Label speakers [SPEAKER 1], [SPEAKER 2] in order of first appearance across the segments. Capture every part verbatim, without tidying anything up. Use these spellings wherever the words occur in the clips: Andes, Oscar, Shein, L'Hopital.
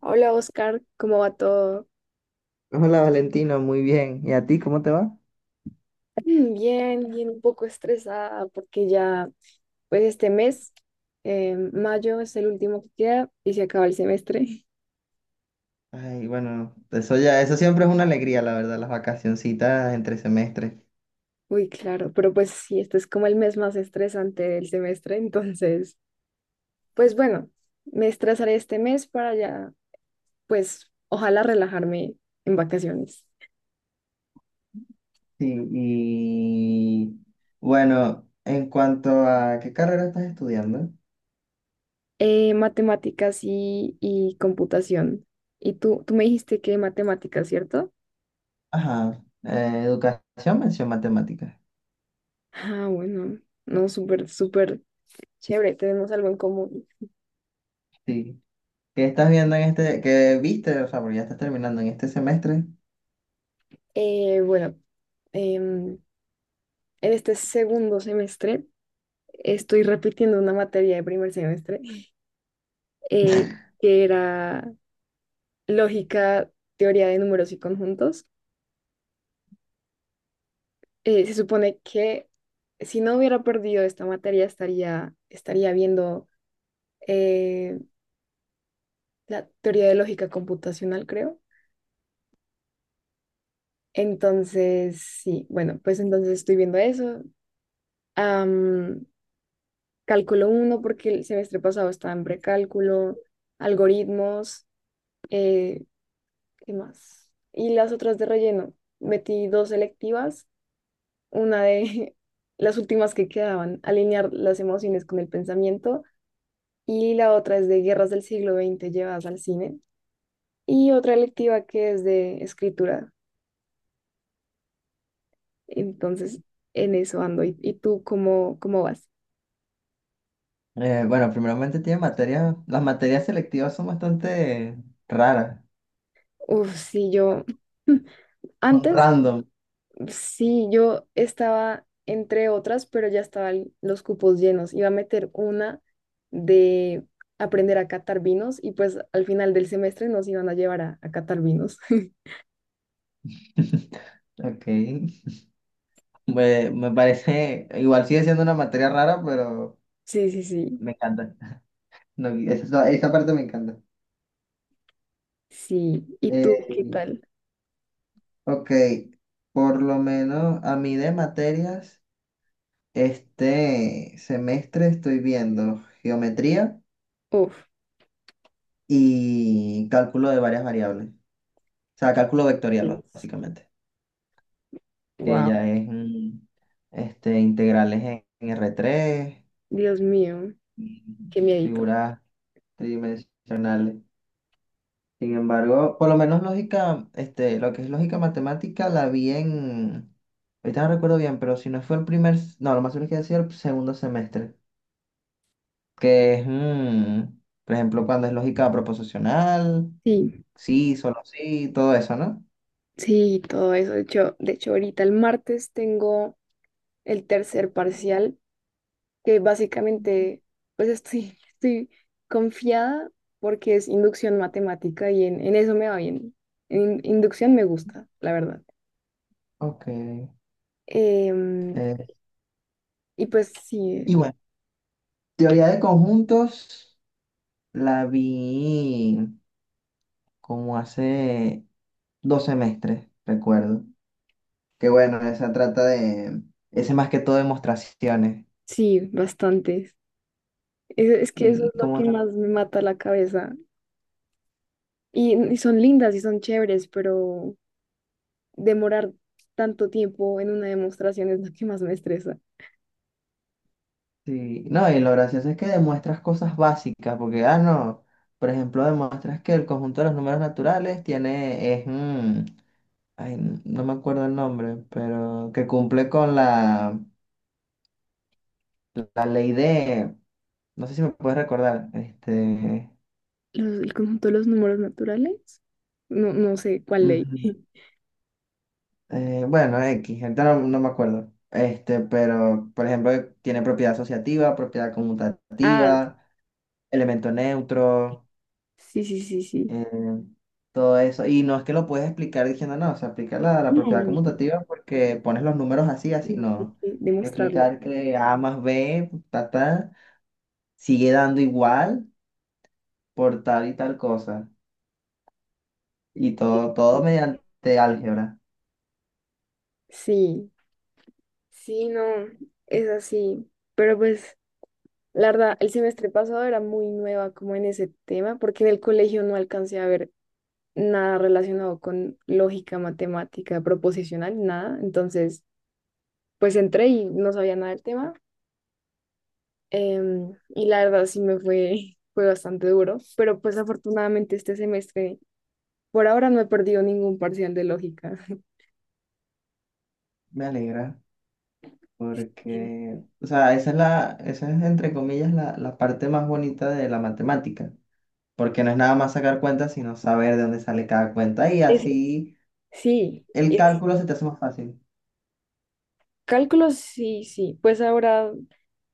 [SPEAKER 1] Hola Oscar, ¿cómo va todo?
[SPEAKER 2] Hola Valentino, muy bien. ¿Y a ti cómo te va?
[SPEAKER 1] Bien, bien, un poco estresada porque ya, pues este mes, eh, mayo es el último que queda y se acaba el semestre.
[SPEAKER 2] Ay, bueno, eso ya, eso siempre es una alegría, la verdad, las vacacioncitas entre semestres.
[SPEAKER 1] Uy, claro, pero pues sí, este es como el mes más estresante del semestre, entonces, pues bueno, me estresaré este mes para ya, pues ojalá relajarme en vacaciones.
[SPEAKER 2] Sí, y bueno, en cuanto a qué carrera estás estudiando,
[SPEAKER 1] Eh, matemáticas y, y computación. Y tú, tú me dijiste que matemáticas, ¿cierto?
[SPEAKER 2] ajá, eh, educación, mención matemática.
[SPEAKER 1] Ah, bueno, no, súper, súper. Chévere, tenemos algo en común.
[SPEAKER 2] Sí. ¿Qué estás viendo en este, qué viste, o sea, porque ya estás terminando en este semestre?
[SPEAKER 1] Eh, bueno, em, en este segundo semestre estoy repitiendo una materia de primer semestre eh, que era lógica, teoría de números y conjuntos. Eh, se supone que si no hubiera perdido esta materia estaría, estaría viendo eh, la teoría de lógica computacional, creo. Entonces, sí, bueno, pues entonces estoy viendo eso. Am, Cálculo uno porque el semestre pasado estaba en precálculo, algoritmos, eh, ¿qué más? Y las otras de relleno. Metí dos selectivas, una de las últimas que quedaban, alinear las emociones con el pensamiento, y la otra es de guerras del siglo veinte llevadas al cine, y otra electiva que es de escritura. Entonces, en eso ando. ¿Y, y tú cómo, cómo vas?
[SPEAKER 2] Eh, bueno, primeramente tiene materias, las materias selectivas son bastante raras,
[SPEAKER 1] Uf, sí, yo...
[SPEAKER 2] son
[SPEAKER 1] Antes
[SPEAKER 2] random.
[SPEAKER 1] sí, yo estaba entre otras, pero ya estaban los cupos llenos. Iba a meter una de aprender a catar vinos y pues al final del semestre nos iban a llevar a, a catar vinos.
[SPEAKER 2] Ok. Me, me parece, igual sigue siendo una materia rara, pero
[SPEAKER 1] Sí, sí, sí,
[SPEAKER 2] me encanta. No, esa, esa parte me encanta.
[SPEAKER 1] sí. ¿Y tú qué
[SPEAKER 2] Eh,
[SPEAKER 1] tal?
[SPEAKER 2] ok, por lo menos a mí de materias, este semestre estoy viendo geometría
[SPEAKER 1] Uf,
[SPEAKER 2] y cálculo de varias variables. O sea, cálculo vectorial, básicamente, que
[SPEAKER 1] wow,
[SPEAKER 2] ya es mm, este, integrales en, en r tres
[SPEAKER 1] Dios mío, qué
[SPEAKER 2] y
[SPEAKER 1] miedito.
[SPEAKER 2] figuras tridimensionales. Sin embargo, por lo menos lógica, este, lo que es lógica matemática la vi en, ahorita no recuerdo bien, pero si no fue el primer, s- no, lo más seguro es que decía el segundo semestre, que es, mm, por ejemplo, cuando es lógica proposicional,
[SPEAKER 1] Sí,
[SPEAKER 2] sí, solo sí, todo eso, ¿no?
[SPEAKER 1] sí, todo eso. De hecho, de hecho, ahorita el martes tengo el tercer parcial que básicamente, pues estoy, estoy confiada porque es inducción matemática y en, en eso me va bien. En inducción me gusta, la verdad.
[SPEAKER 2] Ok. eh,
[SPEAKER 1] Em, y pues
[SPEAKER 2] y
[SPEAKER 1] sí,
[SPEAKER 2] bueno, teoría de conjuntos la vi como hace dos semestres, recuerdo. Que bueno, esa trata de, ese más que todo demostraciones.
[SPEAKER 1] sí, bastantes. Es, es que eso
[SPEAKER 2] Y
[SPEAKER 1] es lo
[SPEAKER 2] como,
[SPEAKER 1] que más me mata la cabeza. Y, y son lindas y son chéveres, pero demorar tanto tiempo en una demostración es lo que más me estresa.
[SPEAKER 2] sí, no, y lo gracioso es que demuestras cosas básicas, porque, ah, no, por ejemplo, demuestras que el conjunto de los números naturales tiene, es, mm, ay, n- no me acuerdo el nombre, pero que cumple con la, la ley de, no sé si me puedes recordar, este,
[SPEAKER 1] Los- el conjunto de los números naturales. No, no sé cuál ley.
[SPEAKER 2] ujú, eh, bueno, X, ahorita no, no me acuerdo, este, pero, por ejemplo, tiene propiedad asociativa, propiedad
[SPEAKER 1] Ah,
[SPEAKER 2] conmutativa, elemento neutro.
[SPEAKER 1] sí, sí, sí, sí.
[SPEAKER 2] eh, todo eso. Y no es que lo puedes explicar diciendo, no, o sea, aplica la, la
[SPEAKER 1] No,
[SPEAKER 2] propiedad
[SPEAKER 1] no,
[SPEAKER 2] conmutativa porque pones los números así,
[SPEAKER 1] no,
[SPEAKER 2] así,
[SPEAKER 1] no, hay
[SPEAKER 2] no.
[SPEAKER 1] que
[SPEAKER 2] Hay que
[SPEAKER 1] demostrarlo.
[SPEAKER 2] explicar que A más B, ta, ta, sigue dando igual por tal y tal cosa. Y
[SPEAKER 1] Eh,
[SPEAKER 2] todo, todo mediante álgebra.
[SPEAKER 1] Sí, sí, no, es así. Pero pues, la verdad, el semestre pasado era muy nueva como en ese tema, porque en el colegio no alcancé a ver nada relacionado con lógica, matemática, proposicional, nada. Entonces, pues entré y no sabía nada del tema. Em, y la verdad sí me fue, fue bastante duro, pero pues afortunadamente este semestre, por ahora no he perdido ningún parcial de lógica.
[SPEAKER 2] Me alegra porque, o sea, esa es la, esa es entre comillas la, la parte más bonita de la matemática. Porque no es nada más sacar cuentas, sino saber de dónde sale cada cuenta y
[SPEAKER 1] Eso
[SPEAKER 2] así
[SPEAKER 1] sí,
[SPEAKER 2] el
[SPEAKER 1] es-
[SPEAKER 2] cálculo se te hace más fácil.
[SPEAKER 1] cálculos, sí, sí. Pues ahora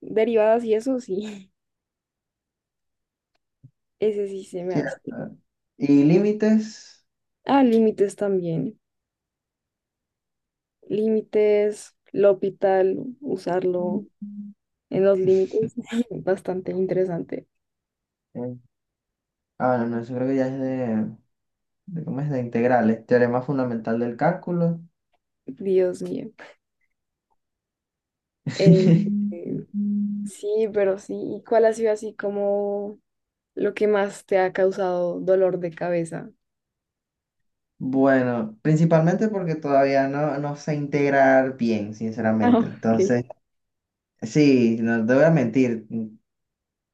[SPEAKER 1] derivadas y eso, sí. Ese sí se me hace.
[SPEAKER 2] Cierto. Y límites.
[SPEAKER 1] Ah, límites también. Límites, L'Hopital, usarlo en los límites. Bastante interesante.
[SPEAKER 2] eh, ah, no, no, eso creo que ya es de, de ¿cómo es? De integrales. Teorema fundamental del cálculo.
[SPEAKER 1] Dios mío. Eh, eh, sí, pero sí. ¿Y cuál ha sido así como lo que más te ha causado dolor de cabeza?
[SPEAKER 2] Bueno, principalmente porque todavía no, no sé integrar bien,
[SPEAKER 1] Ah,
[SPEAKER 2] sinceramente.
[SPEAKER 1] ok.
[SPEAKER 2] Entonces, sí, no te voy a mentir.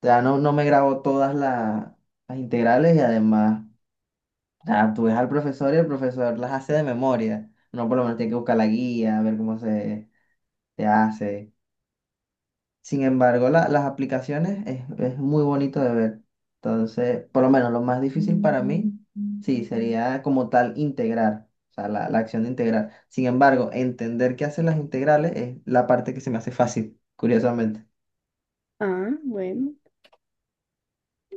[SPEAKER 2] Ya no, no me grabo todas las, las integrales y además, ya, tú ves al profesor y el profesor las hace de memoria. Uno por lo menos tiene que buscar la guía, ver cómo se, se hace. Sin embargo, la- las aplicaciones es, es muy bonito de ver. Entonces, por lo menos lo más difícil para mí, sí, sería como tal integrar, o sea, la, la acción de integrar. Sin embargo, entender qué hacen las integrales es la parte que se me hace fácil, curiosamente.
[SPEAKER 1] Ah, bueno.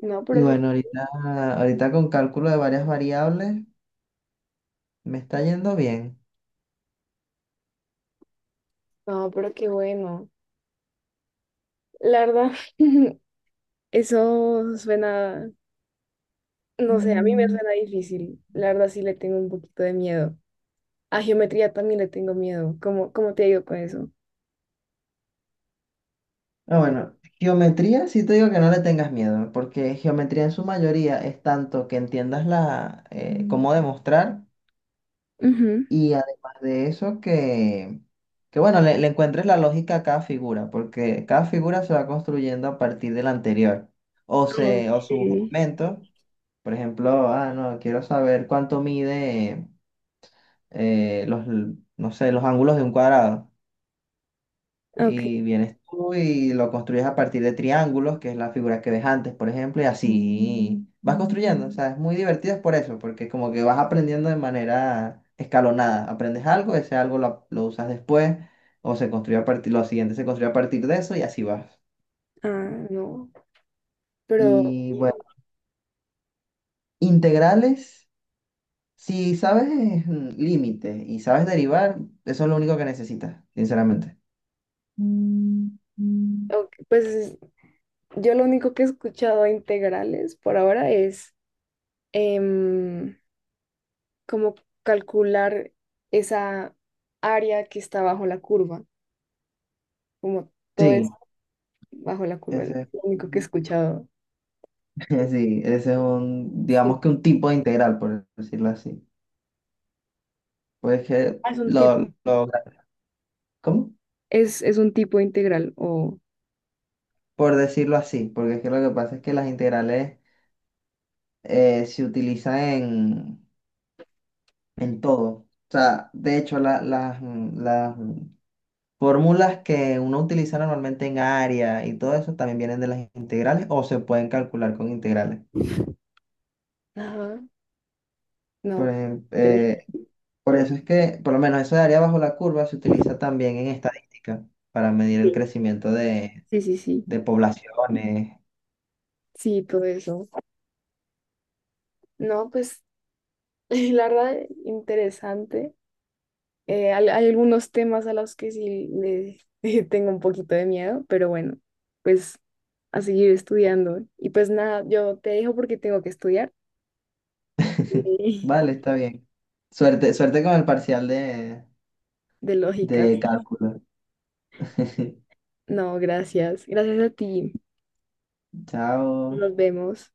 [SPEAKER 1] No, pero,
[SPEAKER 2] Y
[SPEAKER 1] eso-
[SPEAKER 2] bueno, ahorita, ahorita con cálculo de varias variables me está yendo bien.
[SPEAKER 1] no, pero qué bueno. La verdad, eso suena, no sé, a mí me
[SPEAKER 2] Mm.
[SPEAKER 1] suena difícil. La verdad sí le tengo un poquito de miedo. A geometría también le tengo miedo. ¿Cómo, cómo te digo con eso?
[SPEAKER 2] Ah, bueno, geometría sí te digo que no le tengas miedo, porque geometría en su mayoría es tanto que entiendas la, eh, Mm. cómo demostrar.
[SPEAKER 1] Ujú.
[SPEAKER 2] Y además de eso, que, que bueno, le, le encuentres la lógica a cada figura, porque cada figura se va construyendo a partir de la anterior. O, se, o sus
[SPEAKER 1] Okay,
[SPEAKER 2] aumentos, por ejemplo, ah, no, quiero saber cuánto mide eh, los, no sé, los ángulos de un cuadrado.
[SPEAKER 1] ok,
[SPEAKER 2] Y vienes tú y lo construyes a partir de triángulos, que es la figura que ves antes, por ejemplo, y así vas construyendo. O sea, es muy divertido es por eso, porque como que vas aprendiendo de manera escalonada. Aprendes algo, ese algo lo, lo usas después, o se construye a partir, lo siguiente se construye a partir de eso y así vas.
[SPEAKER 1] ah, no, pero
[SPEAKER 2] Y
[SPEAKER 1] bien.
[SPEAKER 2] bueno, integrales, si sabes mm, límites y sabes derivar, eso es lo único que necesitas, sinceramente. Mm.
[SPEAKER 1] Ok, pues yo lo único que he escuchado a integrales por ahora es em, como calcular esa área que está bajo la curva, como todo es
[SPEAKER 2] Sí,
[SPEAKER 1] bajo la curva, es
[SPEAKER 2] ese es.
[SPEAKER 1] lo único que he escuchado.
[SPEAKER 2] Sí, ese es un,
[SPEAKER 1] Sí,
[SPEAKER 2] digamos que un tipo de integral, por decirlo así. Pues que
[SPEAKER 1] ah, es un tip.
[SPEAKER 2] lo, lo- ¿cómo?
[SPEAKER 1] Es, es un tipo integral o...
[SPEAKER 2] Por decirlo así, porque es que lo que pasa es que las integrales eh, se utilizan en, en todo. O sea, de hecho, la- las, mm, las mm, fórmulas que uno utiliza normalmente en área y todo eso también vienen de las integrales o se pueden calcular con integrales.
[SPEAKER 1] Ajá.
[SPEAKER 2] Por
[SPEAKER 1] No.
[SPEAKER 2] ejem-
[SPEAKER 1] Interesante.
[SPEAKER 2] eh, por eso es que, por lo menos eso de área bajo la curva se utiliza también en estadística para medir el
[SPEAKER 1] Sí.
[SPEAKER 2] crecimiento de
[SPEAKER 1] Sí, sí, sí.
[SPEAKER 2] de poblaciones.
[SPEAKER 1] Sí, todo eso. No, pues la verdad, interesante. Eh, al- hay algunos temas a los que sí le, tengo un poquito de miedo, pero bueno, pues a seguir estudiando. Y pues nada, yo te dejo porque tengo que estudiar.
[SPEAKER 2] Vale, está bien. Suerte, suerte con el parcial de,
[SPEAKER 1] De lógicas.
[SPEAKER 2] de cálculo.
[SPEAKER 1] No, gracias. Gracias a ti.
[SPEAKER 2] Chao.
[SPEAKER 1] Nos vemos.